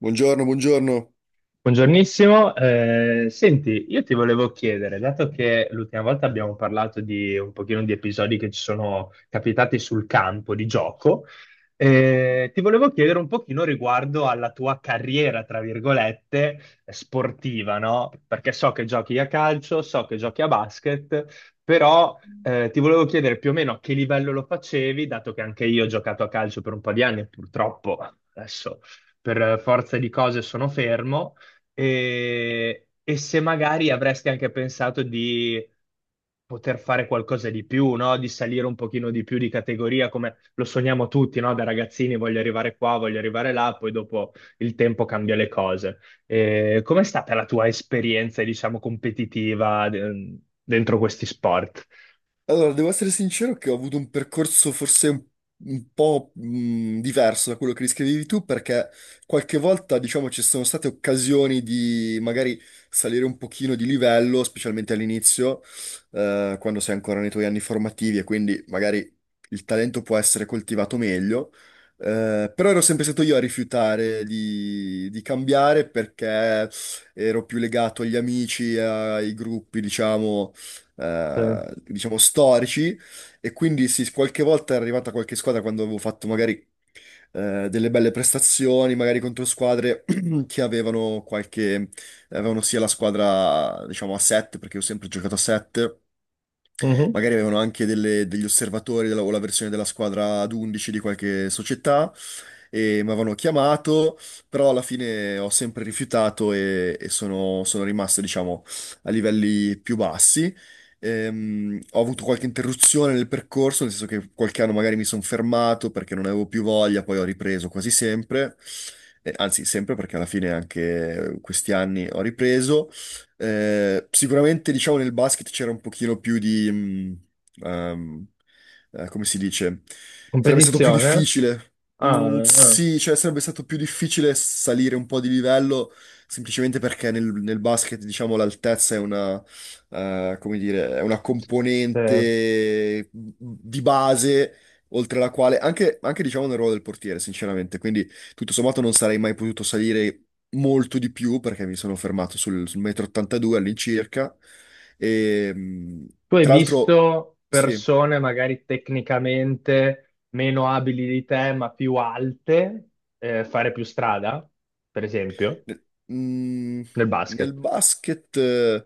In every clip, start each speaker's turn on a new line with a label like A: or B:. A: Buongiorno, buongiorno.
B: Buongiornissimo. Senti, io ti volevo chiedere, dato che l'ultima volta abbiamo parlato di un pochino di episodi che ci sono capitati sul campo di gioco, ti volevo chiedere un pochino riguardo alla tua carriera, tra virgolette, sportiva, no? Perché so che giochi a calcio, so che giochi a basket, però ti volevo chiedere più o meno a che livello lo facevi, dato che anche io ho giocato a calcio per un po' di anni. Purtroppo adesso per forza di cose sono fermo e se magari avresti anche pensato di poter fare qualcosa di più, no? Di salire un pochino di più di categoria, come lo sogniamo tutti, no? Da ragazzini, voglio arrivare qua, voglio arrivare là, poi dopo il tempo cambia le cose. E com'è stata la tua esperienza, diciamo, competitiva dentro questi sport?
A: Allora, devo essere sincero che ho avuto un percorso forse un po' diverso da quello che riscrivevi tu, perché qualche volta, diciamo, ci sono state occasioni di magari salire un pochino di livello, specialmente all'inizio, quando sei ancora nei tuoi anni formativi e quindi magari il talento può essere coltivato meglio. Però ero sempre stato io a rifiutare di cambiare perché ero più legato agli amici, ai gruppi, diciamo
B: Sì.
A: eh, diciamo storici e quindi sì, qualche volta è arrivata qualche squadra quando avevo fatto magari delle belle prestazioni, magari contro squadre che avevano sia la squadra diciamo a 7 perché ho sempre giocato a 7,
B: Mhm.
A: magari avevano anche degli osservatori o la versione della squadra ad 11 di qualche società. E mi avevano chiamato, però alla fine ho sempre rifiutato e sono, sono rimasto, diciamo, a livelli più bassi. Ho avuto qualche interruzione nel percorso, nel senso che qualche anno magari mi sono fermato perché non avevo più voglia, poi ho ripreso quasi sempre, anzi sempre perché alla fine anche questi anni ho ripreso. Sicuramente diciamo nel basket c'era un pochino più di... ehm, come si dice? Sarebbe stato più
B: Competizione?
A: difficile.
B: Ah, ah.
A: Sì, cioè sarebbe stato più difficile salire un po' di livello semplicemente perché nel basket, diciamo, l'altezza come dire, è una
B: Sì.
A: componente di base oltre la quale, anche, anche diciamo nel ruolo del portiere, sinceramente, quindi tutto sommato non sarei mai potuto salire molto di più perché mi sono fermato sul metro 82 all'incirca e mh,
B: Tu hai
A: tra
B: visto
A: l'altro sì,
B: persone magari tecnicamente meno abili di te, ma più alte, fare più strada, per esempio,
A: nel, mh,
B: nel
A: nel
B: basket?
A: basket... eh,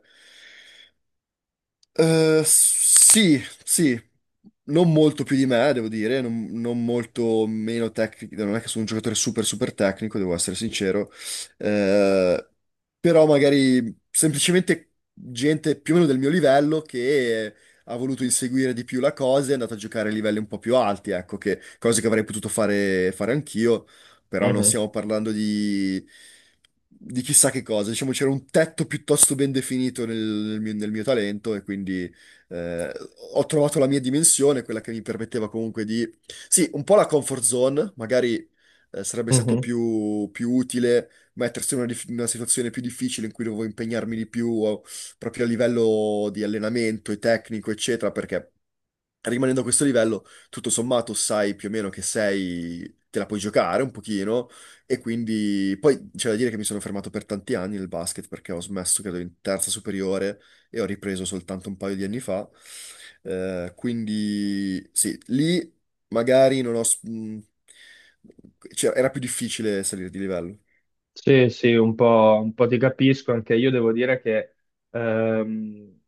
A: Eh, Sì, sì, non molto più di me, devo dire, non, non molto meno tecnico, non è che sono un giocatore super super tecnico, devo essere sincero. Eh, Però magari semplicemente gente più o meno del mio livello che ha voluto inseguire di più la cosa e è andata a giocare a livelli un po' più alti, ecco, che, cose che avrei potuto fare anch'io, però non
B: Mhm,
A: stiamo parlando di chissà che cosa. Diciamo c'era un tetto piuttosto ben definito nel mio, nel mio talento e quindi eh, ho trovato la mia dimensione, quella che mi permetteva comunque di... Sì, un po' la comfort zone, magari sarebbe stato
B: mhm.
A: più utile mettersi in una, in una situazione più difficile in cui dovevo impegnarmi di più o proprio a livello di allenamento e tecnico, eccetera, perché rimanendo a questo livello, tutto sommato sai più o meno che sei, te la puoi giocare un pochino e quindi poi c'è da dire che mi sono fermato per tanti anni nel basket perché ho smesso credo in terza superiore e ho ripreso soltanto un paio di anni fa. Quindi sì, lì magari non ho, cioè, era più difficile salire di livello.
B: Sì, sì, un po' ti capisco, anche io devo dire che ehm,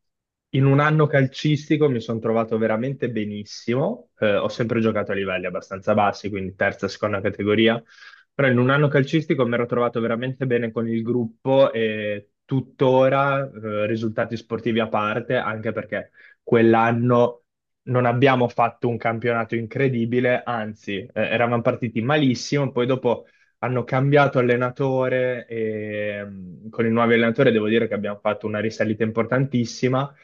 B: in un anno calcistico mi sono trovato veramente benissimo. Ho sempre giocato a livelli abbastanza bassi, quindi terza, seconda categoria, però in un anno calcistico mi ero trovato veramente bene con il gruppo e tuttora, risultati sportivi a parte, anche perché quell'anno non abbiamo fatto un campionato incredibile, anzi eravamo partiti malissimo. Poi dopo hanno cambiato allenatore e, con i nuovi allenatori devo dire che abbiamo fatto una risalita importantissima,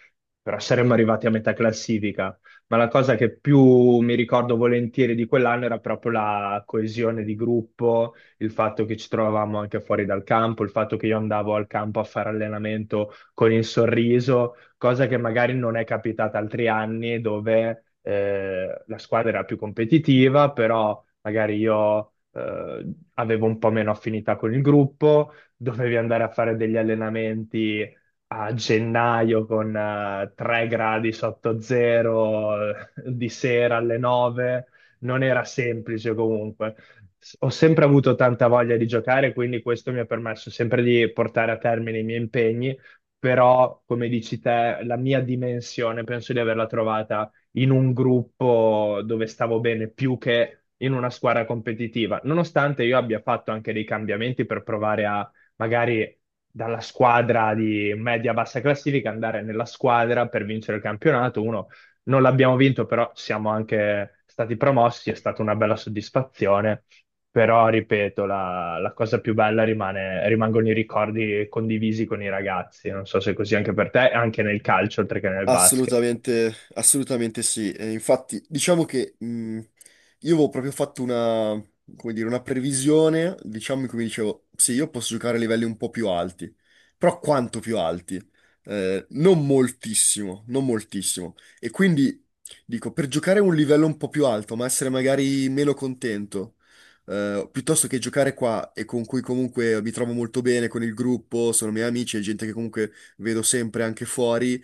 B: però saremmo arrivati a metà classifica. Ma la cosa che più mi ricordo volentieri di quell'anno era proprio la coesione di gruppo, il fatto che ci trovavamo anche fuori dal campo, il fatto che io andavo al campo a fare allenamento con il sorriso, cosa che magari non è capitata altri anni, dove la squadra era più competitiva, però magari io avevo un po' meno affinità con il gruppo, dovevi andare a fare degli allenamenti a gennaio con 3 gradi sotto zero, di sera alle 9, non era semplice comunque. Ho sempre avuto tanta voglia di giocare, quindi questo mi ha permesso sempre di portare a termine i miei impegni. Però, come dici te, la mia dimensione penso di averla trovata in un gruppo dove stavo bene più che in una squadra competitiva, nonostante io abbia fatto anche dei cambiamenti per provare a magari, dalla squadra di media-bassa classifica, andare nella squadra per vincere il campionato. Uno non l'abbiamo vinto, però siamo anche stati promossi, è stata una bella soddisfazione. Però, ripeto, la cosa più bella rimane, rimangono i ricordi condivisi con i ragazzi. Non so se è così anche per te, anche nel calcio, oltre che nel basket.
A: Assolutamente, assolutamente sì. Infatti, diciamo che io avevo proprio fatto una, come dire, una previsione, diciamo, in cui mi dicevo, sì, io posso giocare a livelli un po' più alti, però quanto più alti? Non moltissimo, non moltissimo. E quindi dico, per giocare a un livello un po' più alto, ma essere magari meno contento, piuttosto che giocare qua e con cui comunque mi trovo molto bene con il gruppo, sono miei amici, è gente che comunque vedo sempre anche fuori.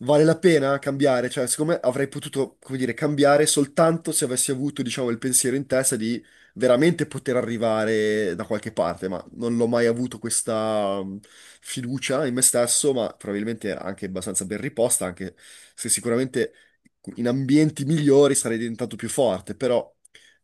A: Vale la pena cambiare? Cioè, secondo me avrei potuto, come dire, cambiare soltanto se avessi avuto, diciamo, il pensiero in testa di veramente poter arrivare da qualche parte, ma non l'ho mai avuto questa fiducia in me stesso, ma probabilmente anche abbastanza ben riposta, anche se sicuramente in ambienti migliori sarei diventato più forte, però,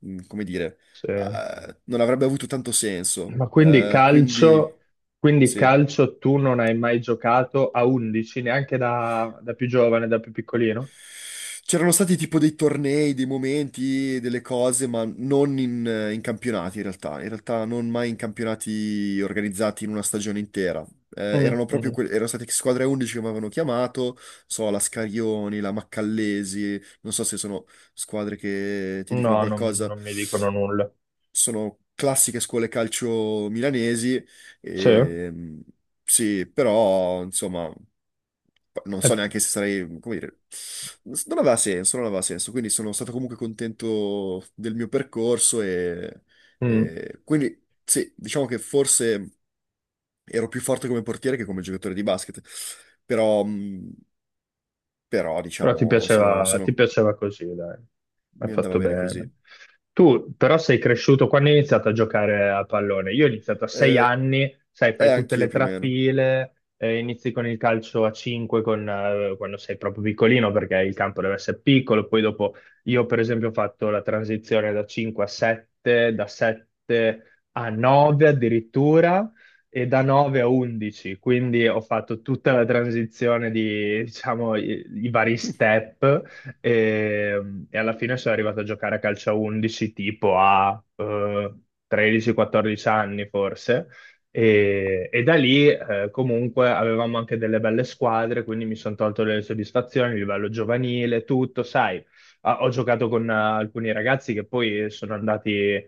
A: come dire,
B: Sì.
A: non avrebbe avuto tanto senso.
B: Ma
A: Quindi,
B: quindi
A: sì.
B: calcio tu non hai mai giocato a 11, neanche da, da più giovane, da più piccolino?
A: C'erano stati tipo dei tornei, dei momenti, delle cose, ma non in, in campionati in realtà. In realtà non mai in campionati organizzati in una stagione intera.
B: Mm,
A: Erano proprio
B: mhm.
A: erano state squadre 11 che mi avevano chiamato, so, la Scarioni, la Maccallesi, non so se sono squadre che ti dicono
B: No, non,
A: qualcosa.
B: non mi dicono nulla.
A: Sono classiche scuole calcio milanesi,
B: Sì.
A: e, sì, però insomma non so
B: Eh,
A: neanche se sarei, come dire, non aveva senso, non aveva senso, quindi sono stato comunque contento del mio percorso
B: mm.
A: e quindi sì, diciamo che forse ero più forte come portiere che come giocatore di basket, però, però
B: Però
A: diciamo,
B: ti piaceva così, dai. Hai
A: mi andava
B: fatto
A: bene così.
B: bene. Tu però sei cresciuto quando hai iniziato a giocare a pallone. Io ho iniziato a sei
A: Eh,
B: anni, sai,
A: e
B: fai tutte
A: anch'io
B: le
A: più o meno.
B: trafile, inizi con il calcio a 5 con, quando sei proprio piccolino perché il campo deve essere piccolo. Poi dopo io per esempio ho fatto la transizione da 5 a 7, da 7 a 9 addirittura e da 9 a 11, quindi ho fatto tutta la transizione di, diciamo, i vari step e alla fine sono arrivato a giocare a calcio a 11 tipo a 13-14 anni forse. E da lì comunque avevamo anche delle belle squadre, quindi mi sono tolto delle soddisfazioni a livello giovanile, tutto, sai. Ah, ho giocato con alcuni ragazzi che poi sono andati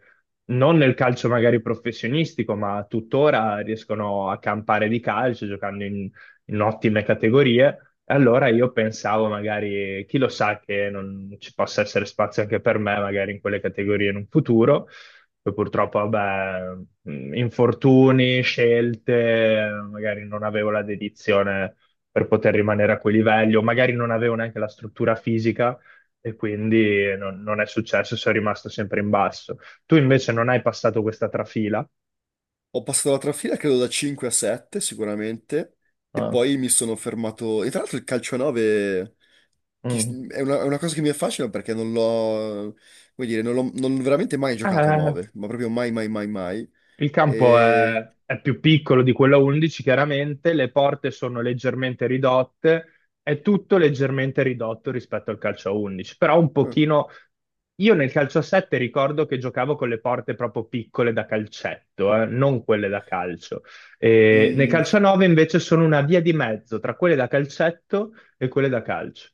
B: non nel calcio magari professionistico, ma tuttora riescono a campare di calcio giocando in, ottime categorie. E allora io pensavo magari, chi lo sa che non ci possa essere spazio anche per me, magari in quelle categorie in un futuro. Poi purtroppo, vabbè, infortuni, scelte, magari non avevo la dedizione per poter rimanere a quei livelli, o magari non avevo neanche la struttura fisica e quindi non è successo, sono rimasto sempre in basso. Tu invece non hai passato questa trafila.
A: Ho passato la trafila credo da 5 a 7 sicuramente e
B: Ah,
A: poi mi sono fermato, e tra l'altro il calcio a 9,
B: mm.
A: è una, è una cosa che mi affascina perché non l'ho, come dire, non l'ho veramente mai giocato a
B: Eh,
A: 9, ma proprio mai, mai, mai, mai.
B: il campo
A: E...
B: è più piccolo di quello a 11, chiaramente, le porte sono leggermente ridotte, è tutto leggermente ridotto rispetto al calcio a 11, però un
A: eh,
B: pochino... Io nel calcio a 7 ricordo che giocavo con le porte proprio piccole da calcetto, non quelle da calcio. E nel
A: mm,
B: calcio a 9 invece sono una via di mezzo tra quelle da calcetto e quelle da calcio.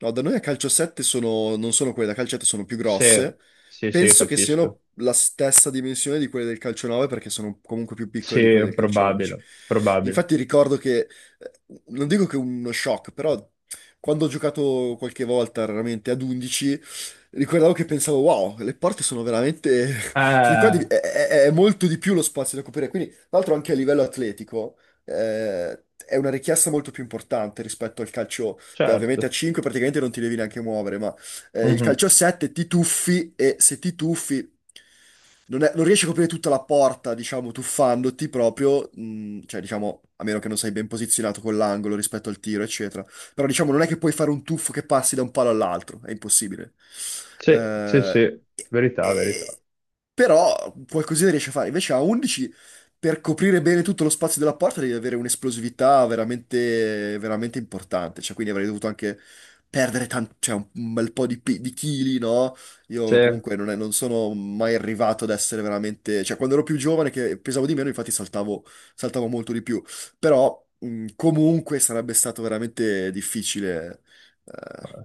A: No, da noi a calcio 7 sono, non sono quelle da calcio 7, sono più
B: Sì,
A: grosse.
B: sì, sì, io
A: Penso che
B: capisco.
A: siano la stessa dimensione di quelle del calcio 9 perché sono comunque più piccole di quelle
B: Sì,
A: del calcio 11.
B: probabile, probabile.
A: Infatti ricordo che, eh, non dico che uno shock, però quando ho giocato qualche volta, raramente ad 11, ricordavo che pensavo, wow, le porte sono veramente... cioè, qua
B: Eh,
A: di- è molto di più lo spazio da coprire. Quindi, tra l'altro anche a livello atletico, è una richiesta molto più importante rispetto al calcio. Beh, ovviamente a
B: certo.
A: 5 praticamente non ti devi neanche muovere, ma il
B: Mhm.
A: calcio a 7 ti tuffi e se ti tuffi non riesci a coprire tutta la porta, diciamo, tuffandoti proprio, cioè diciamo, a meno che non sei ben posizionato con l'angolo rispetto al tiro, eccetera. Però diciamo, non è che puoi fare un tuffo che passi da un palo all'altro, è impossibile.
B: Sì, sì,
A: Eh,
B: sì,
A: e-
B: verità, verità.
A: e- però qualcosina riesci a fare. Invece a 11 per coprire bene tutto lo spazio della porta devi avere un'esplosività veramente, veramente importante. Cioè, quindi avrei dovuto anche perdere cioè, un bel po' di chili, no?
B: Sì.
A: Io comunque non sono mai arrivato ad essere veramente... Cioè, quando ero più giovane, che pesavo di meno, infatti saltavo, saltavo molto di più. Però, comunque, sarebbe stato veramente difficile. eh.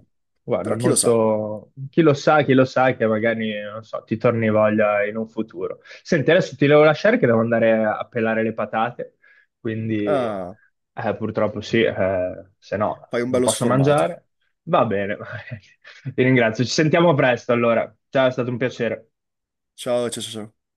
B: Guarda,
A: Però chi lo sa?
B: molto... chi lo sa che magari, non so, ti torni voglia in un futuro. Senti, adesso ti devo lasciare che devo andare a pelare le patate, quindi
A: Ah,
B: purtroppo sì, se no
A: fai un
B: non
A: bello
B: posso
A: sformato.
B: mangiare. Va bene, ti ringrazio. Ci sentiamo presto allora. Ciao, è stato un piacere.
A: Ciao, ciao, ciao, ciao.